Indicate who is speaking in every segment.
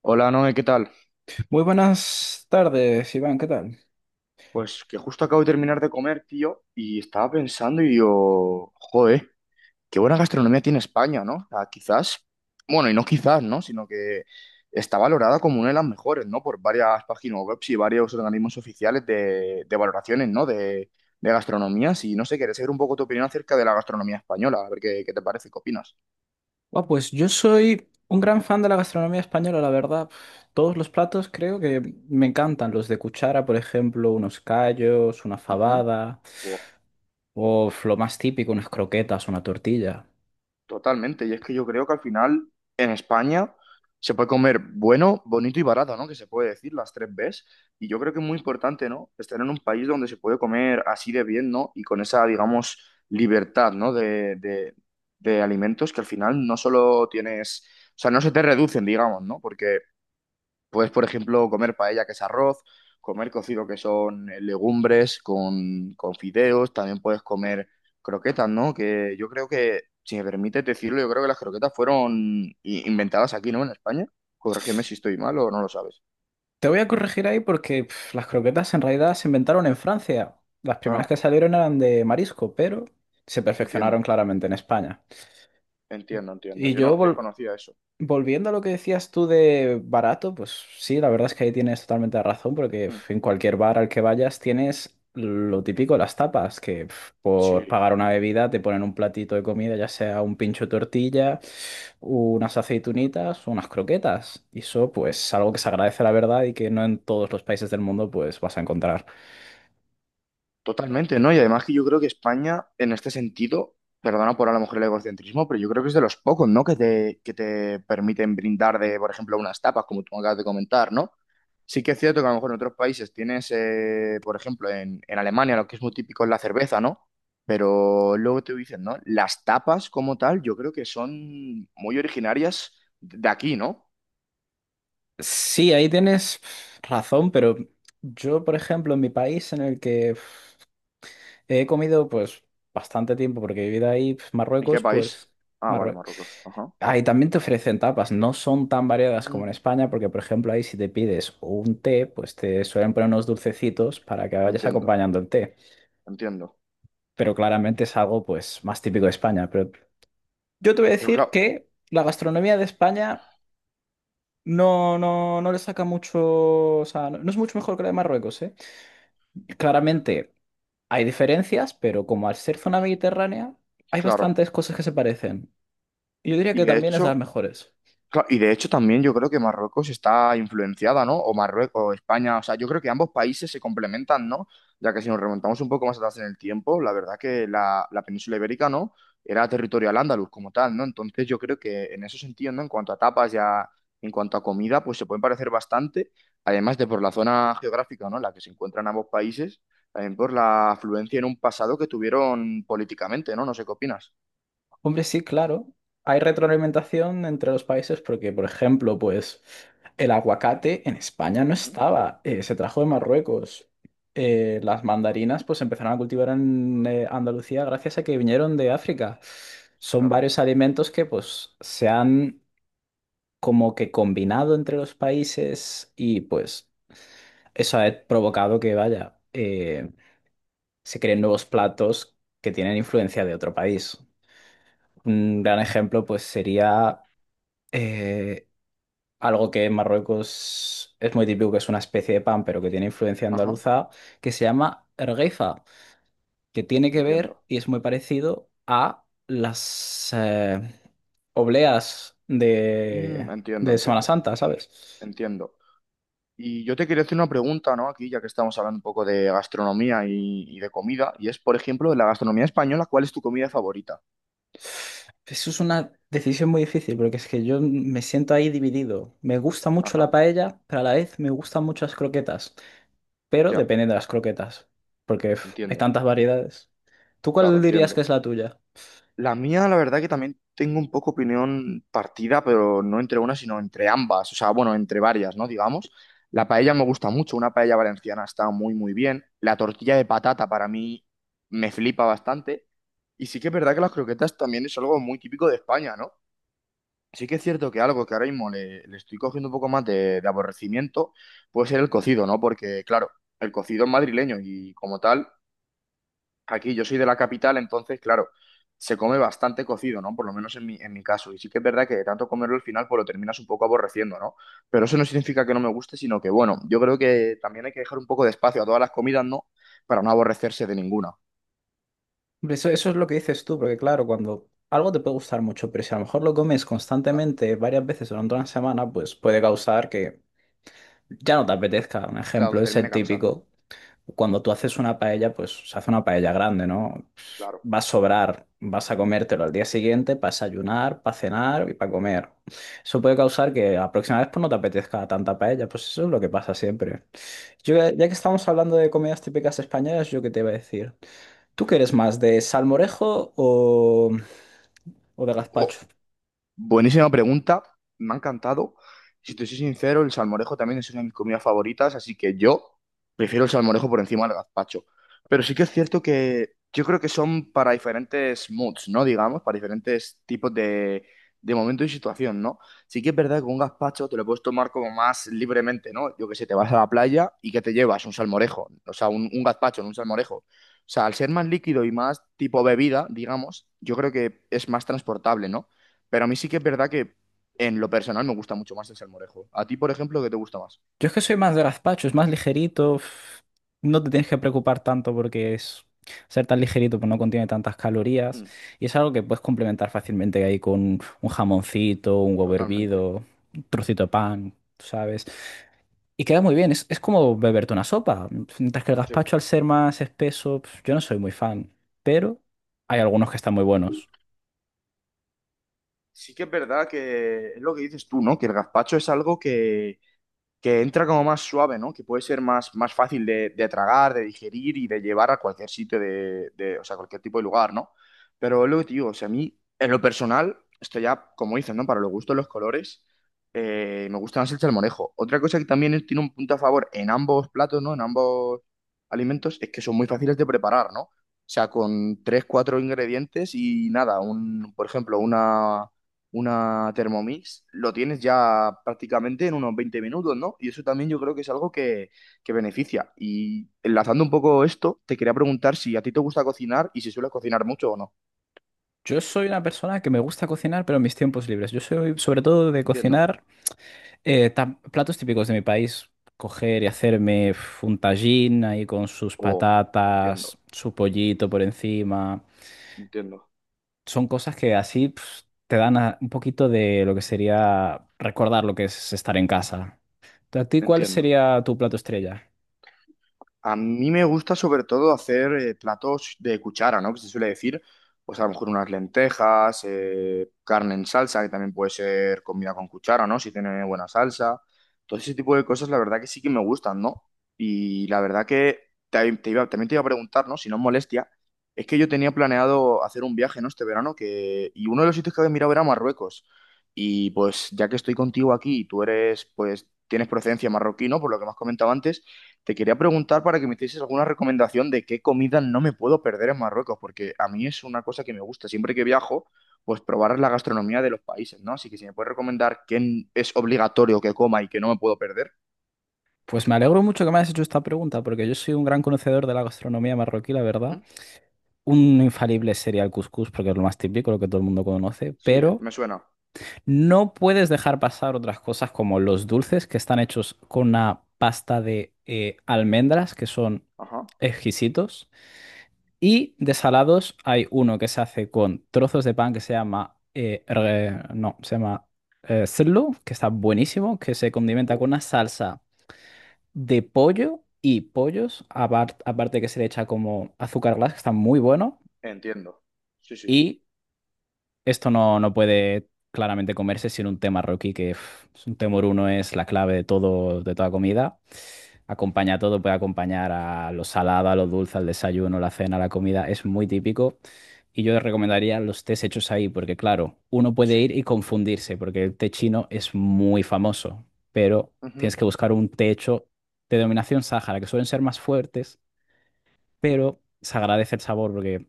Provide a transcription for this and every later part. Speaker 1: Hola, Noé, ¿qué tal?
Speaker 2: Muy buenas tardes, Iván, ¿qué tal?
Speaker 1: Pues que justo acabo de terminar de comer, tío, y estaba pensando y digo, joder, qué buena gastronomía tiene España, ¿no? O sea, quizás, bueno, y no quizás, ¿no? Sino que está valorada como una de las mejores, ¿no? Por varias páginas web y varios organismos oficiales de, valoraciones, ¿no? De gastronomías y no sé, quería saber un poco tu opinión acerca de la gastronomía española, a ver qué te parece, qué opinas.
Speaker 2: Buah, pues yo soy un gran fan de la gastronomía española, la verdad. Todos los platos creo que me encantan. Los de cuchara, por ejemplo, unos callos, una fabada,
Speaker 1: Ujú.
Speaker 2: o lo más típico, unas croquetas, una tortilla.
Speaker 1: Totalmente, y es que yo creo que al final en España se puede comer bueno, bonito y barato, ¿no? Que se puede decir las tres Bs. Y yo creo que es muy importante, ¿no? Estar en un país donde se puede comer así de bien, ¿no? Y con esa, digamos, libertad, ¿no? De alimentos que al final no solo tienes, o sea, no se te reducen, digamos, ¿no? Porque puedes, por ejemplo, comer paella, que es arroz, comer cocido, que son legumbres con fideos, también puedes comer croquetas, ¿no? Que yo creo que, si me permites decirlo, yo creo que las croquetas fueron inventadas aquí, ¿no? En España. Corrígeme si estoy mal o no lo sabes.
Speaker 2: Te voy a corregir ahí porque las croquetas en realidad se inventaron en Francia. Las primeras que
Speaker 1: Ah,
Speaker 2: salieron eran de marisco, pero se perfeccionaron
Speaker 1: entiendo,
Speaker 2: claramente en España.
Speaker 1: entiendo, entiendo.
Speaker 2: Y
Speaker 1: Yo no
Speaker 2: yo vol-
Speaker 1: desconocía eso.
Speaker 2: Volviendo a lo que decías tú de barato, pues sí, la verdad es que ahí tienes totalmente la razón, porque
Speaker 1: Mm.
Speaker 2: en cualquier bar al que vayas tienes lo típico, las tapas, que por
Speaker 1: Sí.
Speaker 2: pagar una bebida te ponen un platito de comida, ya sea un pincho de tortilla, unas aceitunitas, unas croquetas. Y eso, pues, algo que se agradece, la verdad, y que no en todos los países del mundo, pues, vas a encontrar.
Speaker 1: Totalmente, ¿no? Y además que yo creo que España, en este sentido, perdona por a lo mejor el egocentrismo, pero yo creo que es de los pocos, ¿no? Que te permiten brindar de, por ejemplo, unas tapas, como tú acabas de comentar, ¿no? Sí que es cierto que a lo mejor en otros países tienes, por ejemplo, en Alemania lo que es muy típico es la cerveza, ¿no? Pero luego te dicen, ¿no? Las tapas como tal, yo creo que son muy originarias de aquí, ¿no?
Speaker 2: Sí, ahí tienes razón, pero yo, por ejemplo, en mi país, en el que he comido pues bastante tiempo porque he vivido ahí, pues,
Speaker 1: ¿En qué
Speaker 2: Marruecos,
Speaker 1: país?
Speaker 2: pues
Speaker 1: Ah, vale,
Speaker 2: Marruecos.
Speaker 1: Marruecos. Ajá.
Speaker 2: Ahí también te ofrecen tapas, no son tan variadas como
Speaker 1: Mm,
Speaker 2: en España, porque por ejemplo ahí si te pides un té, pues te suelen poner unos dulcecitos para que vayas
Speaker 1: entiendo,
Speaker 2: acompañando el té.
Speaker 1: entiendo.
Speaker 2: Pero claramente es algo pues más típico de España. Pero yo te voy a
Speaker 1: Pero
Speaker 2: decir
Speaker 1: claro,
Speaker 2: que la gastronomía de España no le saca mucho, o sea, no es mucho mejor que la de Marruecos, ¿eh? Claramente hay diferencias, pero como al ser zona mediterránea, hay
Speaker 1: claro.
Speaker 2: bastantes cosas que se parecen. Yo diría
Speaker 1: Y
Speaker 2: que
Speaker 1: de
Speaker 2: también es de las
Speaker 1: hecho,
Speaker 2: mejores.
Speaker 1: y de hecho también yo creo que Marruecos está influenciada, ¿no? O Marruecos, o España, o sea, yo creo que ambos países se complementan, ¿no? Ya que si nos remontamos un poco más atrás en el tiempo, la verdad que la península ibérica, ¿no? Era territorio al andaluz como tal, ¿no? Entonces yo creo que en ese sentido, ¿no? En cuanto a tapas ya, en cuanto a comida, pues se pueden parecer bastante, además de por la zona geográfica, ¿no? En la que se encuentran ambos países, también por la afluencia en un pasado que tuvieron políticamente, ¿no? No sé qué opinas.
Speaker 2: Hombre, sí, claro, hay retroalimentación entre los países porque, por ejemplo, pues el aguacate en España no
Speaker 1: ¿Mm?
Speaker 2: estaba, se trajo de
Speaker 1: Claro,
Speaker 2: Marruecos. Las mandarinas pues se empezaron a cultivar en Andalucía gracias a que vinieron de África. Son
Speaker 1: claro.
Speaker 2: varios alimentos que pues se han como que combinado entre los países y pues eso ha provocado que, vaya, se creen nuevos platos que tienen influencia de otro país. Un gran ejemplo, pues, sería eh, algo que en Marruecos es muy típico, que es una especie de pan, pero que tiene influencia
Speaker 1: Ajá.
Speaker 2: andaluza, que se llama ergueifa, que tiene que ver
Speaker 1: Entiendo.
Speaker 2: y es muy parecido a las obleas
Speaker 1: Mm, entiendo,
Speaker 2: de Semana
Speaker 1: entiendo,
Speaker 2: Santa, ¿sabes?
Speaker 1: entiendo. Y yo te quería hacer una pregunta, ¿no? Aquí, ya que estamos hablando un poco de gastronomía y de comida, y es, por ejemplo, de la gastronomía española, ¿cuál es tu comida favorita?
Speaker 2: Eso es una decisión muy difícil porque es que yo me siento ahí dividido. Me gusta mucho la
Speaker 1: Ajá,
Speaker 2: paella, pero a la vez me gustan muchas croquetas. Pero
Speaker 1: ya,
Speaker 2: depende de las croquetas, porque uf, hay
Speaker 1: entiendo,
Speaker 2: tantas variedades. ¿Tú
Speaker 1: claro,
Speaker 2: cuál dirías que
Speaker 1: entiendo.
Speaker 2: es la tuya?
Speaker 1: La mía, la verdad que también tengo un poco opinión partida, pero no entre una, sino entre ambas, o sea, bueno, entre varias, ¿no? Digamos. La paella me gusta mucho, una paella valenciana está muy, muy bien. La tortilla de patata para mí me flipa bastante. Y sí que es verdad que las croquetas también es algo muy típico de España, ¿no? Sí que es cierto que algo que ahora mismo le, estoy cogiendo un poco más de aborrecimiento puede ser el cocido, ¿no? Porque, claro, el cocido es madrileño y como tal aquí yo soy de la capital, entonces, claro, se come bastante cocido, ¿no? Por lo menos en mi caso. Y sí que es verdad que de tanto comerlo al final, pues lo terminas un poco aborreciendo, ¿no? Pero eso no significa que no me guste, sino que, bueno, yo creo que también hay que dejar un poco de espacio a todas las comidas, ¿no? Para no aborrecerse de ninguna.
Speaker 2: Eso es lo que dices tú, porque claro, cuando algo te puede gustar mucho, pero si a lo mejor lo comes
Speaker 1: Claro,
Speaker 2: constantemente varias veces durante una semana, pues puede causar que ya no te apetezca. Un
Speaker 1: claro,
Speaker 2: ejemplo
Speaker 1: que
Speaker 2: es
Speaker 1: termine
Speaker 2: el
Speaker 1: cansando,
Speaker 2: típico. Cuando tú haces una paella, pues se hace una paella grande, ¿no?
Speaker 1: claro.
Speaker 2: Va a sobrar, vas a comértelo al día siguiente para desayunar, para cenar y para comer. Eso puede causar que la próxima vez pues, no te apetezca tanta paella, pues eso es lo que pasa siempre. Yo, ya que estamos hablando de comidas típicas españolas, yo qué te iba a decir. ¿Tú qué eres más, de salmorejo o de
Speaker 1: O,
Speaker 2: gazpacho?
Speaker 1: Buenísima pregunta, me ha encantado. Si te soy sincero, el salmorejo también es una de mis comidas favoritas, así que yo prefiero el salmorejo por encima del gazpacho. Pero sí que es cierto que yo creo que son para diferentes moods, ¿no? Digamos, para diferentes tipos de momento y situación, ¿no? Sí que es verdad que un gazpacho te lo puedes tomar como más libremente, ¿no? Yo que sé, te vas a la playa y que te llevas un salmorejo, o sea, un, gazpacho, no un salmorejo. O sea, al ser más líquido y más tipo bebida, digamos, yo creo que es más transportable, ¿no? Pero a mí sí que es verdad que en lo personal me gusta mucho más el salmorejo. A ti, por ejemplo, ¿qué te gusta más?
Speaker 2: Yo es que soy más de gazpacho, es más ligerito. No te tienes que preocupar tanto porque es ser tan ligerito, pues no contiene tantas calorías.
Speaker 1: Mm,
Speaker 2: Y es algo que puedes complementar fácilmente ahí con un jamoncito, un huevo
Speaker 1: totalmente.
Speaker 2: hervido, un trocito de pan, tú ¿sabes? Y queda muy bien, es como beberte una sopa. Mientras que el
Speaker 1: Sí.
Speaker 2: gazpacho, al ser más espeso, yo no soy muy fan. Pero hay algunos que están muy buenos.
Speaker 1: Sí que es verdad que es lo que dices tú, ¿no? Que el gazpacho es algo que entra como más suave, ¿no? Que puede ser más, fácil de tragar, de digerir y de llevar a cualquier sitio o sea, cualquier tipo de lugar, ¿no? Pero es lo que te digo, o sea, a mí, en lo personal, esto ya, como dicen, ¿no? Para los gustos, los colores, me gusta más el salmorejo. Otra cosa que también es- tiene un punto a favor en ambos platos, ¿no? En ambos alimentos, es que son muy fáciles de preparar, ¿no? O sea, con tres, cuatro ingredientes y nada, un, por ejemplo, una Thermomix, lo tienes ya prácticamente en unos 20 minutos, ¿no? Y eso también yo creo que es algo que beneficia. Y enlazando un poco esto, te quería preguntar si a ti te gusta cocinar y si sueles cocinar mucho o no.
Speaker 2: Yo soy una persona que me gusta cocinar, pero en mis tiempos libres. Yo soy sobre todo de
Speaker 1: Entiendo.
Speaker 2: cocinar. Platos típicos de mi país, coger y hacerme uf, un tajín ahí con sus
Speaker 1: Oh,
Speaker 2: patatas,
Speaker 1: entiendo,
Speaker 2: su pollito por encima.
Speaker 1: entiendo,
Speaker 2: Son cosas que así te dan un poquito de lo que sería recordar lo que es estar en casa. ¿A ti cuál
Speaker 1: entiendo.
Speaker 2: sería tu plato estrella?
Speaker 1: A mí me gusta sobre todo hacer platos de cuchara, ¿no? Que se suele decir, pues a lo mejor unas lentejas, carne en salsa, que también puede ser comida con cuchara, ¿no? Si tiene buena salsa. Todo ese tipo de cosas, la verdad que sí que me gustan, ¿no? Y la verdad que también te iba a preguntar, ¿no? Si no es molestia, es que yo tenía planeado hacer un viaje, ¿no? Este verano, que y uno de los sitios que había mirado era Marruecos. Y pues ya que estoy contigo aquí y tú eres, pues, tienes procedencia marroquí, ¿no? Por lo que me has comentado antes. Te quería preguntar para que me hicieses alguna recomendación de qué comida no me puedo perder en Marruecos, porque a mí es una cosa que me gusta siempre que viajo, pues probar la gastronomía de los países, ¿no? Así que si me puedes recomendar qué es obligatorio que coma y que no me puedo perder.
Speaker 2: Pues me alegro mucho que me hayas hecho esta pregunta, porque yo soy un gran conocedor de la gastronomía marroquí, la verdad.
Speaker 1: Ujú.
Speaker 2: Un infalible sería el cuscús, porque es lo más típico, lo que todo el mundo conoce,
Speaker 1: Sí,
Speaker 2: pero...
Speaker 1: me suena.
Speaker 2: No puedes dejar pasar otras cosas como los dulces que están hechos con una pasta de almendras que son
Speaker 1: Ajá.
Speaker 2: exquisitos. Y de salados hay uno que se hace con trozos de pan que se llama, re- no, se llama serlo, que está buenísimo, que se condimenta
Speaker 1: Uh,
Speaker 2: con una salsa de pollo y pollos, aparte que se le echa como azúcar glass, que está muy bueno.
Speaker 1: entiendo. Sí, sí.
Speaker 2: Y Esto no puede claramente comerse sin un tema Rocky, que es un temor uno es la clave de todo, de toda comida. Acompaña todo, puede acompañar a lo salado, a lo dulce, al desayuno, la cena, la comida. Es muy típico. Y yo recomendaría los tés hechos ahí, porque claro, uno puede ir
Speaker 1: Sí.
Speaker 2: y confundirse, porque el té chino es muy famoso, pero tienes
Speaker 1: Ujú.
Speaker 2: que buscar un té hecho de denominación sáhara, que suelen ser más fuertes, pero se agradece el sabor porque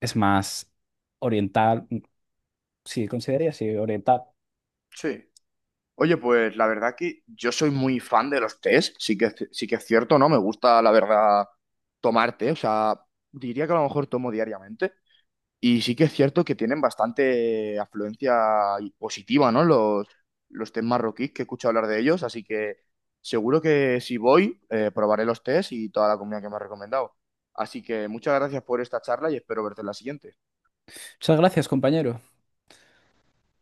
Speaker 2: es más oriental. Sí, consideraría así, oriental.
Speaker 1: Sí. Oye, pues la verdad que yo soy muy fan de los tés, sí que es cierto, ¿no? Me gusta, la verdad, tomar té, o sea, diría que a lo mejor tomo diariamente. Y sí que es cierto que tienen bastante afluencia y positiva, ¿no? los, test marroquíes que he escuchado hablar de ellos, así que seguro que si voy, probaré los test y toda la comida que me has recomendado. Así que muchas gracias por esta charla y espero verte en la siguiente.
Speaker 2: Muchas gracias, compañero.